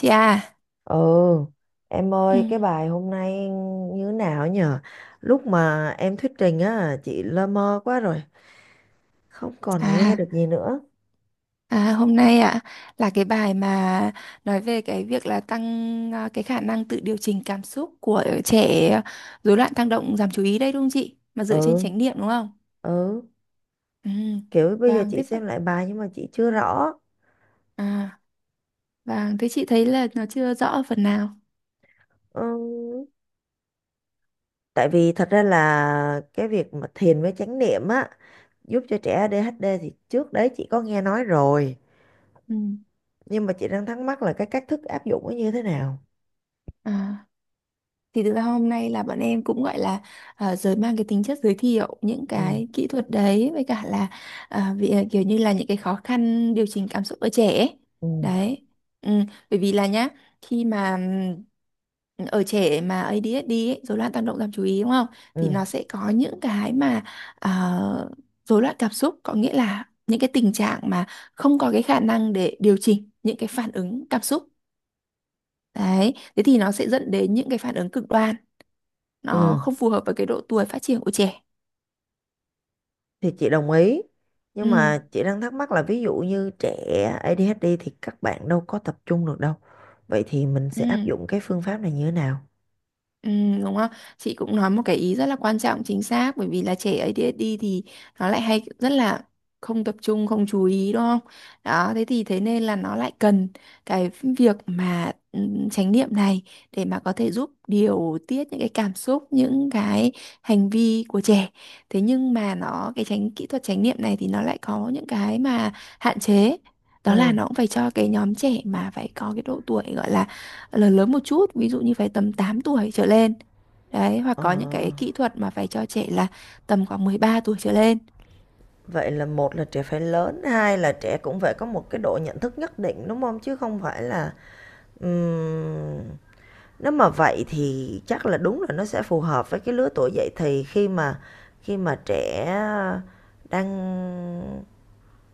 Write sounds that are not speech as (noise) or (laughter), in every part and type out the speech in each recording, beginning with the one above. Chị à. Ừ, em Ừ. ơi cái bài hôm nay như thế nào nhờ? Lúc mà em thuyết trình á, chị lơ mơ quá rồi, không còn nghe à, được gì nữa. à, hôm nay ạ là cái bài mà nói về cái việc là tăng, cái khả năng tự điều chỉnh cảm xúc của trẻ rối loạn tăng động giảm chú ý đấy, đúng không chị? Mà dựa trên Ừ, chánh niệm, đúng không? ừ, Ừ. kiểu bây giờ Vâng, chị thế phần, xem lại bài nhưng mà chị chưa rõ. à, vâng, thế chị thấy là nó chưa rõ phần nào. Ừ, tại vì thật ra là cái việc mà thiền với chánh niệm á, giúp cho trẻ ADHD thì trước đấy chị có nghe nói rồi. Ừ. Nhưng mà chị đang thắc mắc là cái cách thức áp dụng nó như thế nào? À. Thì thực ra hôm nay là bọn em cũng gọi là, giới mang cái tính chất giới thiệu những Ừ, cái kỹ thuật đấy, với cả là, vì, kiểu như là những cái khó khăn điều chỉnh cảm xúc ở trẻ ấy. ừ, Đấy. Ừ, bởi vì là nhá, khi mà, ở trẻ mà ADHD ấy, rối loạn tăng động giảm chú ý đúng không? Thì ừ, nó sẽ có những cái mà, ờ, rối loạn cảm xúc, có nghĩa là những cái tình trạng mà không có cái khả năng để điều chỉnh những cái phản ứng cảm xúc. Đấy, thế thì nó sẽ dẫn đến những cái phản ứng cực đoan, nó ừ. không phù hợp với cái độ tuổi phát triển của trẻ. Thì chị đồng ý Ừ, nhưng mà chị đang thắc mắc là ví dụ như trẻ ADHD thì các bạn đâu có tập trung được đâu, vậy thì mình sẽ áp ừ. dụng cái phương pháp này như thế nào? Ừ, đúng không? Chị cũng nói một cái ý rất là quan trọng, chính xác, bởi vì là trẻ ADHD thì nó lại hay rất là không tập trung, không chú ý đúng không? Đó, thế thì thế nên là nó lại cần cái việc mà, chánh niệm này để mà có thể giúp điều tiết những cái cảm xúc, những cái hành vi của trẻ. Thế nhưng mà nó cái chánh kỹ thuật chánh niệm này thì nó lại có những cái mà hạn chế. Đó ừ là nó cũng phải cho cái nhóm trẻ mà phải có cái độ tuổi gọi là, ờ, lớn lớn một chút, ví dụ như phải tầm 8 tuổi trở lên đấy, hoặc ờ, có những cái kỹ thuật mà phải cho trẻ là tầm khoảng 13 tuổi trở lên. Vậy là một là trẻ phải lớn, hai là trẻ cũng phải có một cái độ nhận thức nhất định đúng không, chứ không phải là ừm, nếu mà vậy thì chắc là đúng là nó sẽ phù hợp với cái lứa tuổi dậy thì, khi mà trẻ đang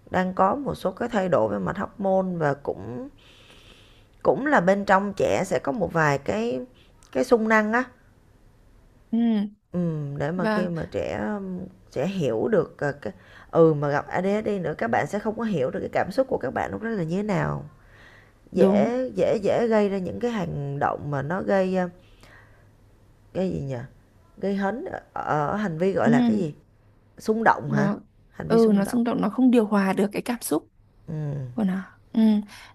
đang có một số cái thay đổi về mặt hormone, và cũng cũng là bên trong trẻ sẽ có một vài cái xung năng á. Ừ, Để mà khi và mà trẻ trẻ hiểu được, cái mà gặp ADHD nữa, các bạn sẽ không có hiểu được cái cảm xúc của các bạn lúc đó là như thế nào, đúng. dễ dễ dễ gây ra những cái hành động mà nó gây, gây gì nhỉ? Gây hấn ở ở hành vi, gọi Ừ, là, cái gì? Xung động hả? nó, Hành vi ừ xung nó động, xung động, nó không điều hòa được cái cảm xúc ừm, của nó. Ừ,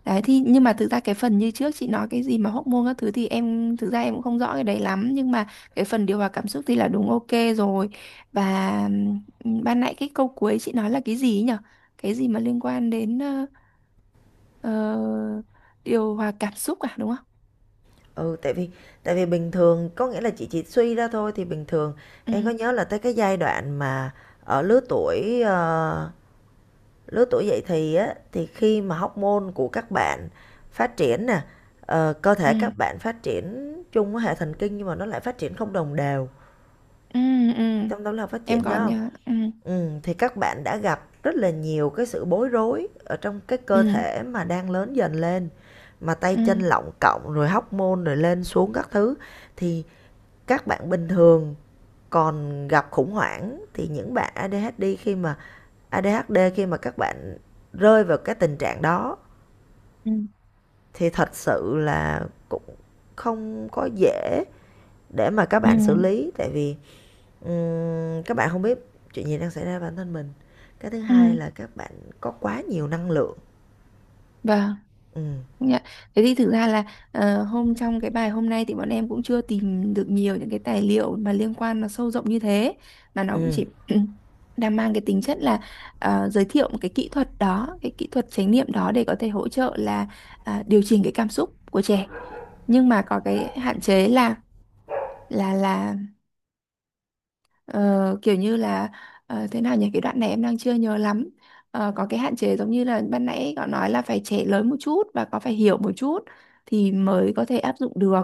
đấy, thì nhưng mà thực ra cái phần như trước chị nói cái gì mà hormone các thứ thì em thực ra em cũng không rõ cái đấy lắm, nhưng mà cái phần điều hòa cảm xúc thì là đúng, ok rồi. Và, ừ, ban nãy cái câu cuối chị nói là cái gì ấy nhở, cái gì mà liên quan đến, Ờ, điều hòa cảm xúc à đúng không? ừ, tại vì bình thường, có nghĩa là chị chỉ suy ra thôi, thì bình thường Ừ, em có nhớ là tới cái giai đoạn mà ở lứa tuổi, lứa tuổi dậy thì á, thì khi mà hormone của các bạn phát triển nè, cơ thể ừ, các bạn phát triển chung với hệ thần kinh nhưng mà nó lại phát triển không đồng đều, ừ, ừ. trong đó là phát Em triển nhớ còn hông? nhớ. Ừ, Thì các bạn đã gặp rất là nhiều cái sự bối rối ở trong cái cơ ừ, thể mà đang lớn dần lên, mà tay chân ừ, lọng cộng rồi hormone rồi lên xuống các thứ. Thì các bạn bình thường còn gặp khủng hoảng, thì những bạn ADHD khi mà các bạn rơi vào cái tình trạng đó ừ, thì thật sự là cũng không có dễ để mà các ừ, bạn xử lý, tại vì các bạn không biết chuyện gì đang xảy ra với bản thân mình. Cái thứ ừ. hai là các bạn có quá nhiều năng lượng. Vâng. ừ Dạ. Thế thì thực ra là, hôm trong cái bài hôm nay thì bọn em cũng chưa tìm được nhiều những cái tài liệu mà liên quan nó sâu rộng như thế, mà nó cũng ừ chỉ (clears throat) đang mang cái tính chất là, giới thiệu một cái kỹ thuật đó, cái kỹ thuật chánh niệm đó để có thể hỗ trợ là, điều chỉnh cái cảm xúc của trẻ. Nhưng mà có cái hạn chế là, là, ờ, kiểu như là, thế nào nhỉ, cái đoạn này em đang chưa nhớ lắm. Ờ, có cái hạn chế giống như là ban nãy cậu nói là phải trẻ lớn một chút và có phải hiểu một chút thì mới có thể áp dụng được.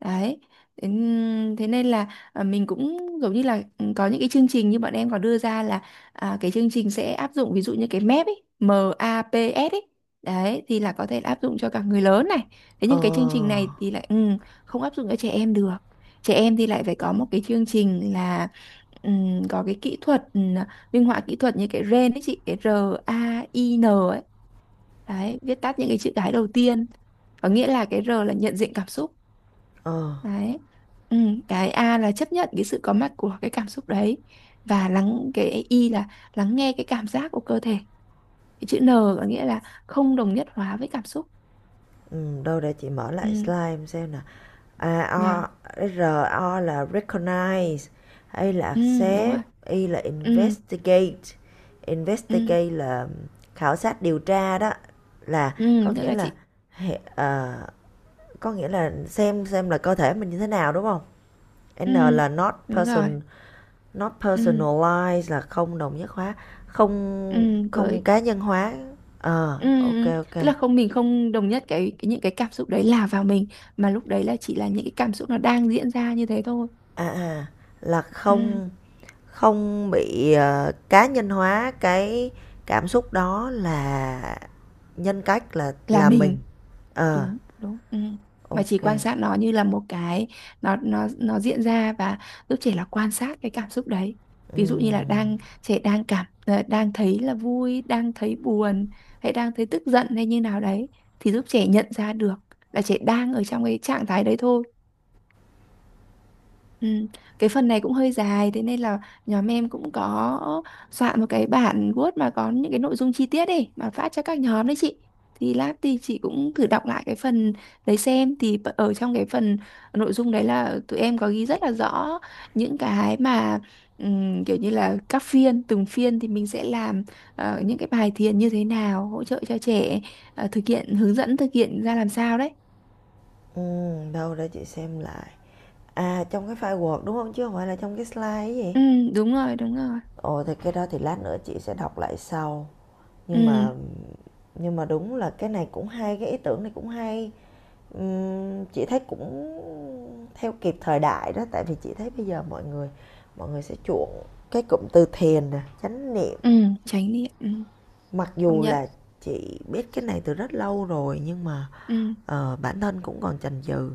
Đấy, thế, thế nên là, mình cũng giống như là, có những cái chương trình như bọn em có đưa ra là, cái chương trình sẽ áp dụng ví dụ như cái mép ấy, MAPS ấy. Đấy thì là có thể áp dụng cho cả người lớn này. Thế ờ nhưng cái chương trình này thì lại, không áp dụng cho trẻ em được. Trẻ em thì lại phải có một cái chương trình là, có cái kỹ thuật, minh họa kỹ thuật như cái RAIN ấy chị, cái RAIN ấy. Đấy, viết tắt những cái chữ cái đầu tiên, có nghĩa là cái R là nhận diện cảm xúc. ờ Đấy. Cái A là chấp nhận cái sự có mặt của cái cảm xúc đấy. Và lắng, cái I là lắng nghe cái cảm giác của cơ thể. Cái chữ N có nghĩa là không đồng nhất hóa với cảm xúc. ừ, đâu để chị mở lại Ừm, slide xem nè. và, À, R o, là recognize, A là đúng rồi. accept, I là Ừm, investigate. ừm, Investigate là khảo sát điều tra đó, là có tức nghĩa là là chị. hệ- ờ, có nghĩa là xem là cơ thể mình như thế nào, đúng không? N Ừm, là not đúng rồi. person, not Ừm, personalized, là không đồng nhất hóa, không không với. cá nhân hóa. Ừ, Ok ừ. ok. Tức là không, mình không đồng nhất cái những cái cảm xúc đấy là vào mình, mà lúc đấy là chỉ là những cái cảm xúc nó đang diễn ra như thế thôi. À à là Ừ, không. Không bị, cá nhân hóa, cái cảm xúc đó là nhân cách, là là mình. mình, Ờ, đúng đúng ừ. Mà chỉ ok. quan sát nó như là một cái, nó diễn ra, và giúp trẻ là quan sát cái cảm xúc đấy. Ví dụ như là Ừm, đang trẻ đang cảm, đang thấy là vui, đang thấy buồn, hay đang thấy tức giận, hay như nào đấy, thì giúp trẻ nhận ra được là trẻ đang ở trong cái trạng thái đấy thôi. Ừ. Cái phần này cũng hơi dài, thế nên là nhóm em cũng có soạn một cái bản Word mà có những cái nội dung chi tiết ấy, mà phát cho các nhóm đấy chị. Thì lát thì chị cũng thử đọc lại cái phần đấy xem, thì ở trong cái phần nội dung đấy là tụi em có ghi rất là rõ những cái mà, kiểu như là các phiên, từng phiên thì mình sẽ làm, những cái bài thiền như thế nào hỗ trợ cho trẻ, thực hiện, hướng dẫn thực hiện ra làm sao đấy. Đâu để chị xem lại. À, trong cái file Word, đúng không? Chứ không phải là trong cái slide ấy gì? Ừ, đúng rồi, đúng rồi. Ồ, thì cái đó thì lát nữa chị sẽ đọc lại sau. Nhưng Ừ, mà đúng là cái này cũng hay, cái ý tưởng này cũng hay. Chị thấy cũng theo kịp thời đại đó, tại vì chị thấy bây giờ mọi người sẽ chuộng cái cụm từ thiền nè, chánh niệm. ừ, tránh đi. Ừ. Mặc Công dù nhận. là chị biết cái này từ rất lâu rồi nhưng mà Ừ, bản thân cũng còn chần chừ.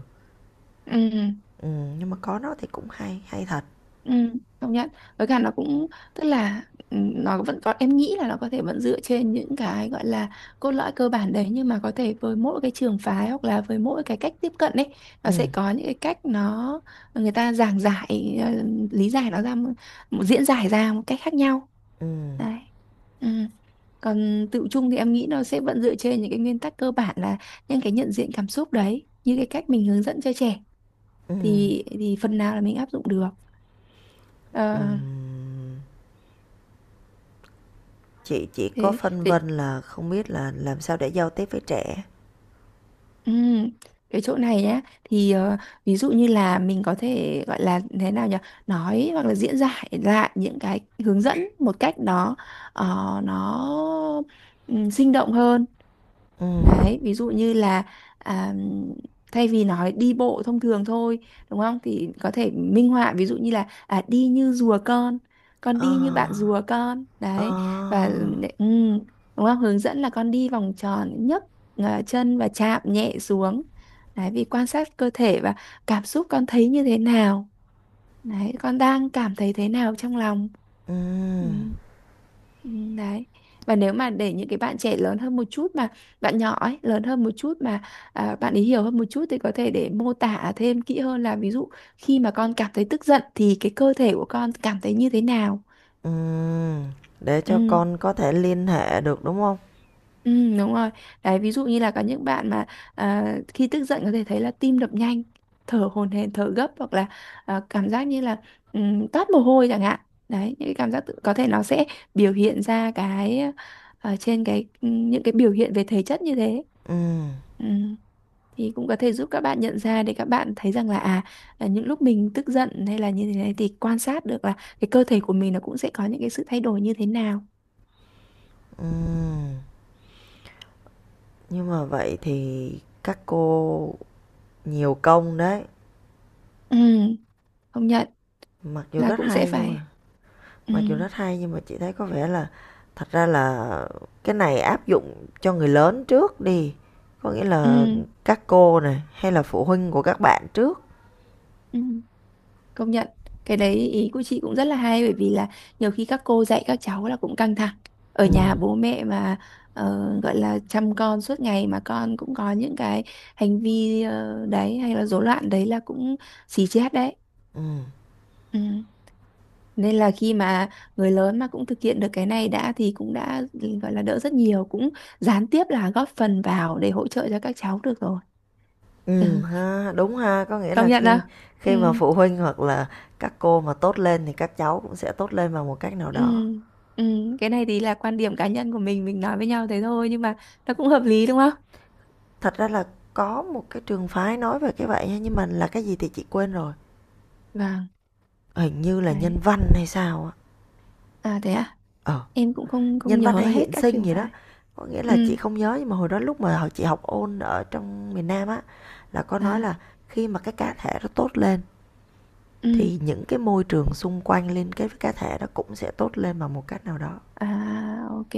ừ, Nhưng mà có nó thì cũng hay, hay thật. ừ, công nhận. Với cả nó cũng, tức là, nó vẫn có, em nghĩ là nó có thể vẫn dựa trên những cái gọi là cốt lõi cơ bản đấy, nhưng mà có thể với mỗi cái trường phái hoặc là với mỗi cái cách tiếp cận ấy, nó sẽ Ừm, có những cái cách nó người ta giảng giải, lý giải nó ra một, một diễn giải ra một cách khác nhau. ừm, Đấy, ừ. Còn tự chung thì em nghĩ nó sẽ vẫn dựa trên những cái nguyên tắc cơ bản là những cái nhận diện cảm xúc đấy, như cái cách mình hướng dẫn cho trẻ ừm, thì, phần nào là mình áp dụng được. Ờ, ừm. Chị chỉ có thế phân thế. vân là không biết là làm sao để giao tiếp với trẻ. Ừm, cái chỗ này nhá, thì, ví dụ như là mình có thể gọi là thế nào nhỉ, nói hoặc là diễn giải lại những cái hướng dẫn một cách đó, nó, nó, sinh động hơn. Ừm. Đấy, ví dụ như là, à, thay vì nói đi bộ thông thường thôi, đúng không? Thì có thể minh họa ví dụ như là, đi như rùa con đi như bạn Ờ. rùa con. Ờ. Đấy, và, ừ, đúng không? Hướng dẫn là con đi vòng tròn, nhấc, chân và chạm nhẹ xuống. Đấy, vì quan sát cơ thể và cảm xúc con thấy như thế nào. Đấy, con đang cảm thấy thế nào trong lòng? Ừ, Ừm. ừ, đấy. Và nếu mà để những cái bạn trẻ lớn hơn một chút, mà bạn nhỏ ấy, lớn hơn một chút, mà, bạn ấy hiểu hơn một chút, thì có thể để mô tả thêm kỹ hơn là ví dụ khi mà con cảm thấy tức giận thì cái cơ thể của con cảm thấy như thế nào? Ừm, để cho Ừ. con có thể liên hệ được, đúng không? Ừ, đúng rồi. Đấy, ví dụ như là có những bạn mà, khi tức giận có thể thấy là tim đập nhanh, thở hổn hển, thở gấp, hoặc là, cảm giác như là, toát mồ hôi chẳng hạn. Đấy, những cái cảm giác tự, có thể nó sẽ biểu hiện ra cái, trên cái, những cái biểu hiện về thể chất như thế. Ừm, Ừ. Thì cũng có thể giúp các bạn nhận ra để các bạn thấy rằng là, à, là những lúc mình tức giận hay là như thế này thì quan sát được là cái cơ thể của mình nó cũng sẽ có những cái sự thay đổi như thế nào. ừm, nhưng mà vậy thì các cô nhiều công đấy. Ừ, công nhận. Mặc dù Là rất cũng sẽ hay nhưng phải, mà ừ, chị thấy có vẻ là thật ra là cái này áp dụng cho người lớn trước đi, có nghĩa ừ, là các cô này hay là phụ huynh của các bạn trước. ừ, công nhận. Cái đấy ý của chị cũng rất là hay, bởi vì là nhiều khi các cô dạy các cháu là cũng căng thẳng, ở Ừm, nhà bố mẹ mà, gọi là chăm con suốt ngày mà con cũng có những cái hành vi, đấy hay là rối loạn đấy, là cũng xì chết đấy. ừm. Ừ. Nên là khi mà người lớn mà cũng thực hiện được cái này đã thì cũng đã gọi là đỡ rất nhiều, cũng gián tiếp là góp phần vào để hỗ trợ cho các cháu được rồi. Ừ, Ha, đúng ha, có nghĩa công là nhận không? khi khi Ừ, mà phụ huynh hoặc là các cô mà tốt lên thì các cháu cũng sẽ tốt lên bằng một cách nào ừ, đó. ừ. Cái này thì là quan điểm cá nhân của mình nói với nhau thế thôi, nhưng mà nó cũng hợp lý đúng không? Thật ra là có một cái trường phái nói về cái vậy nha, nhưng mà là cái gì thì chị quên rồi. Vâng, Hình như là nhân đấy. văn hay sao á. À thế à? Ờ, Em cũng không, không nhân văn nhớ hay hết hiện các sinh trường gì đó. phái. Có nghĩa là chị Ừ, không nhớ, nhưng mà hồi đó lúc mà hồi chị học ôn ở trong miền Nam á là có nói là à, khi mà cái cá thể nó tốt lên ừ, thì những cái môi trường xung quanh liên kết với cá thể đó cũng sẽ tốt lên bằng một cách nào đó. à, ok,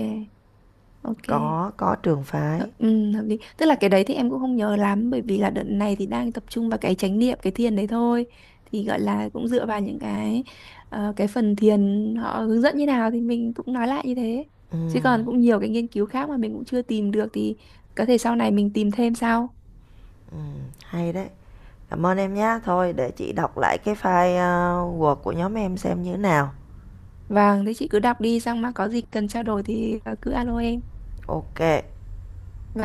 ok. Có trường phái. Ừ, hợp lý. Tức là cái đấy thì em cũng không nhớ lắm, bởi vì là đợt này thì đang tập trung vào cái chánh niệm, cái thiền đấy thôi. Thì gọi là cũng dựa vào những cái, cái phần thiền họ hướng dẫn như nào thì mình cũng nói lại như thế. ừ, Chứ còn cũng nhiều cái nghiên cứu khác mà mình cũng chưa tìm được, thì có thể sau này mình tìm thêm sau. ừ, Hay đấy, cảm ơn em nhé, thôi để chị đọc lại cái file Word của nhóm em xem như thế nào. Vâng, thế chị cứ đọc đi, xong mà có gì cần trao đổi thì, cứ alo em. Ok.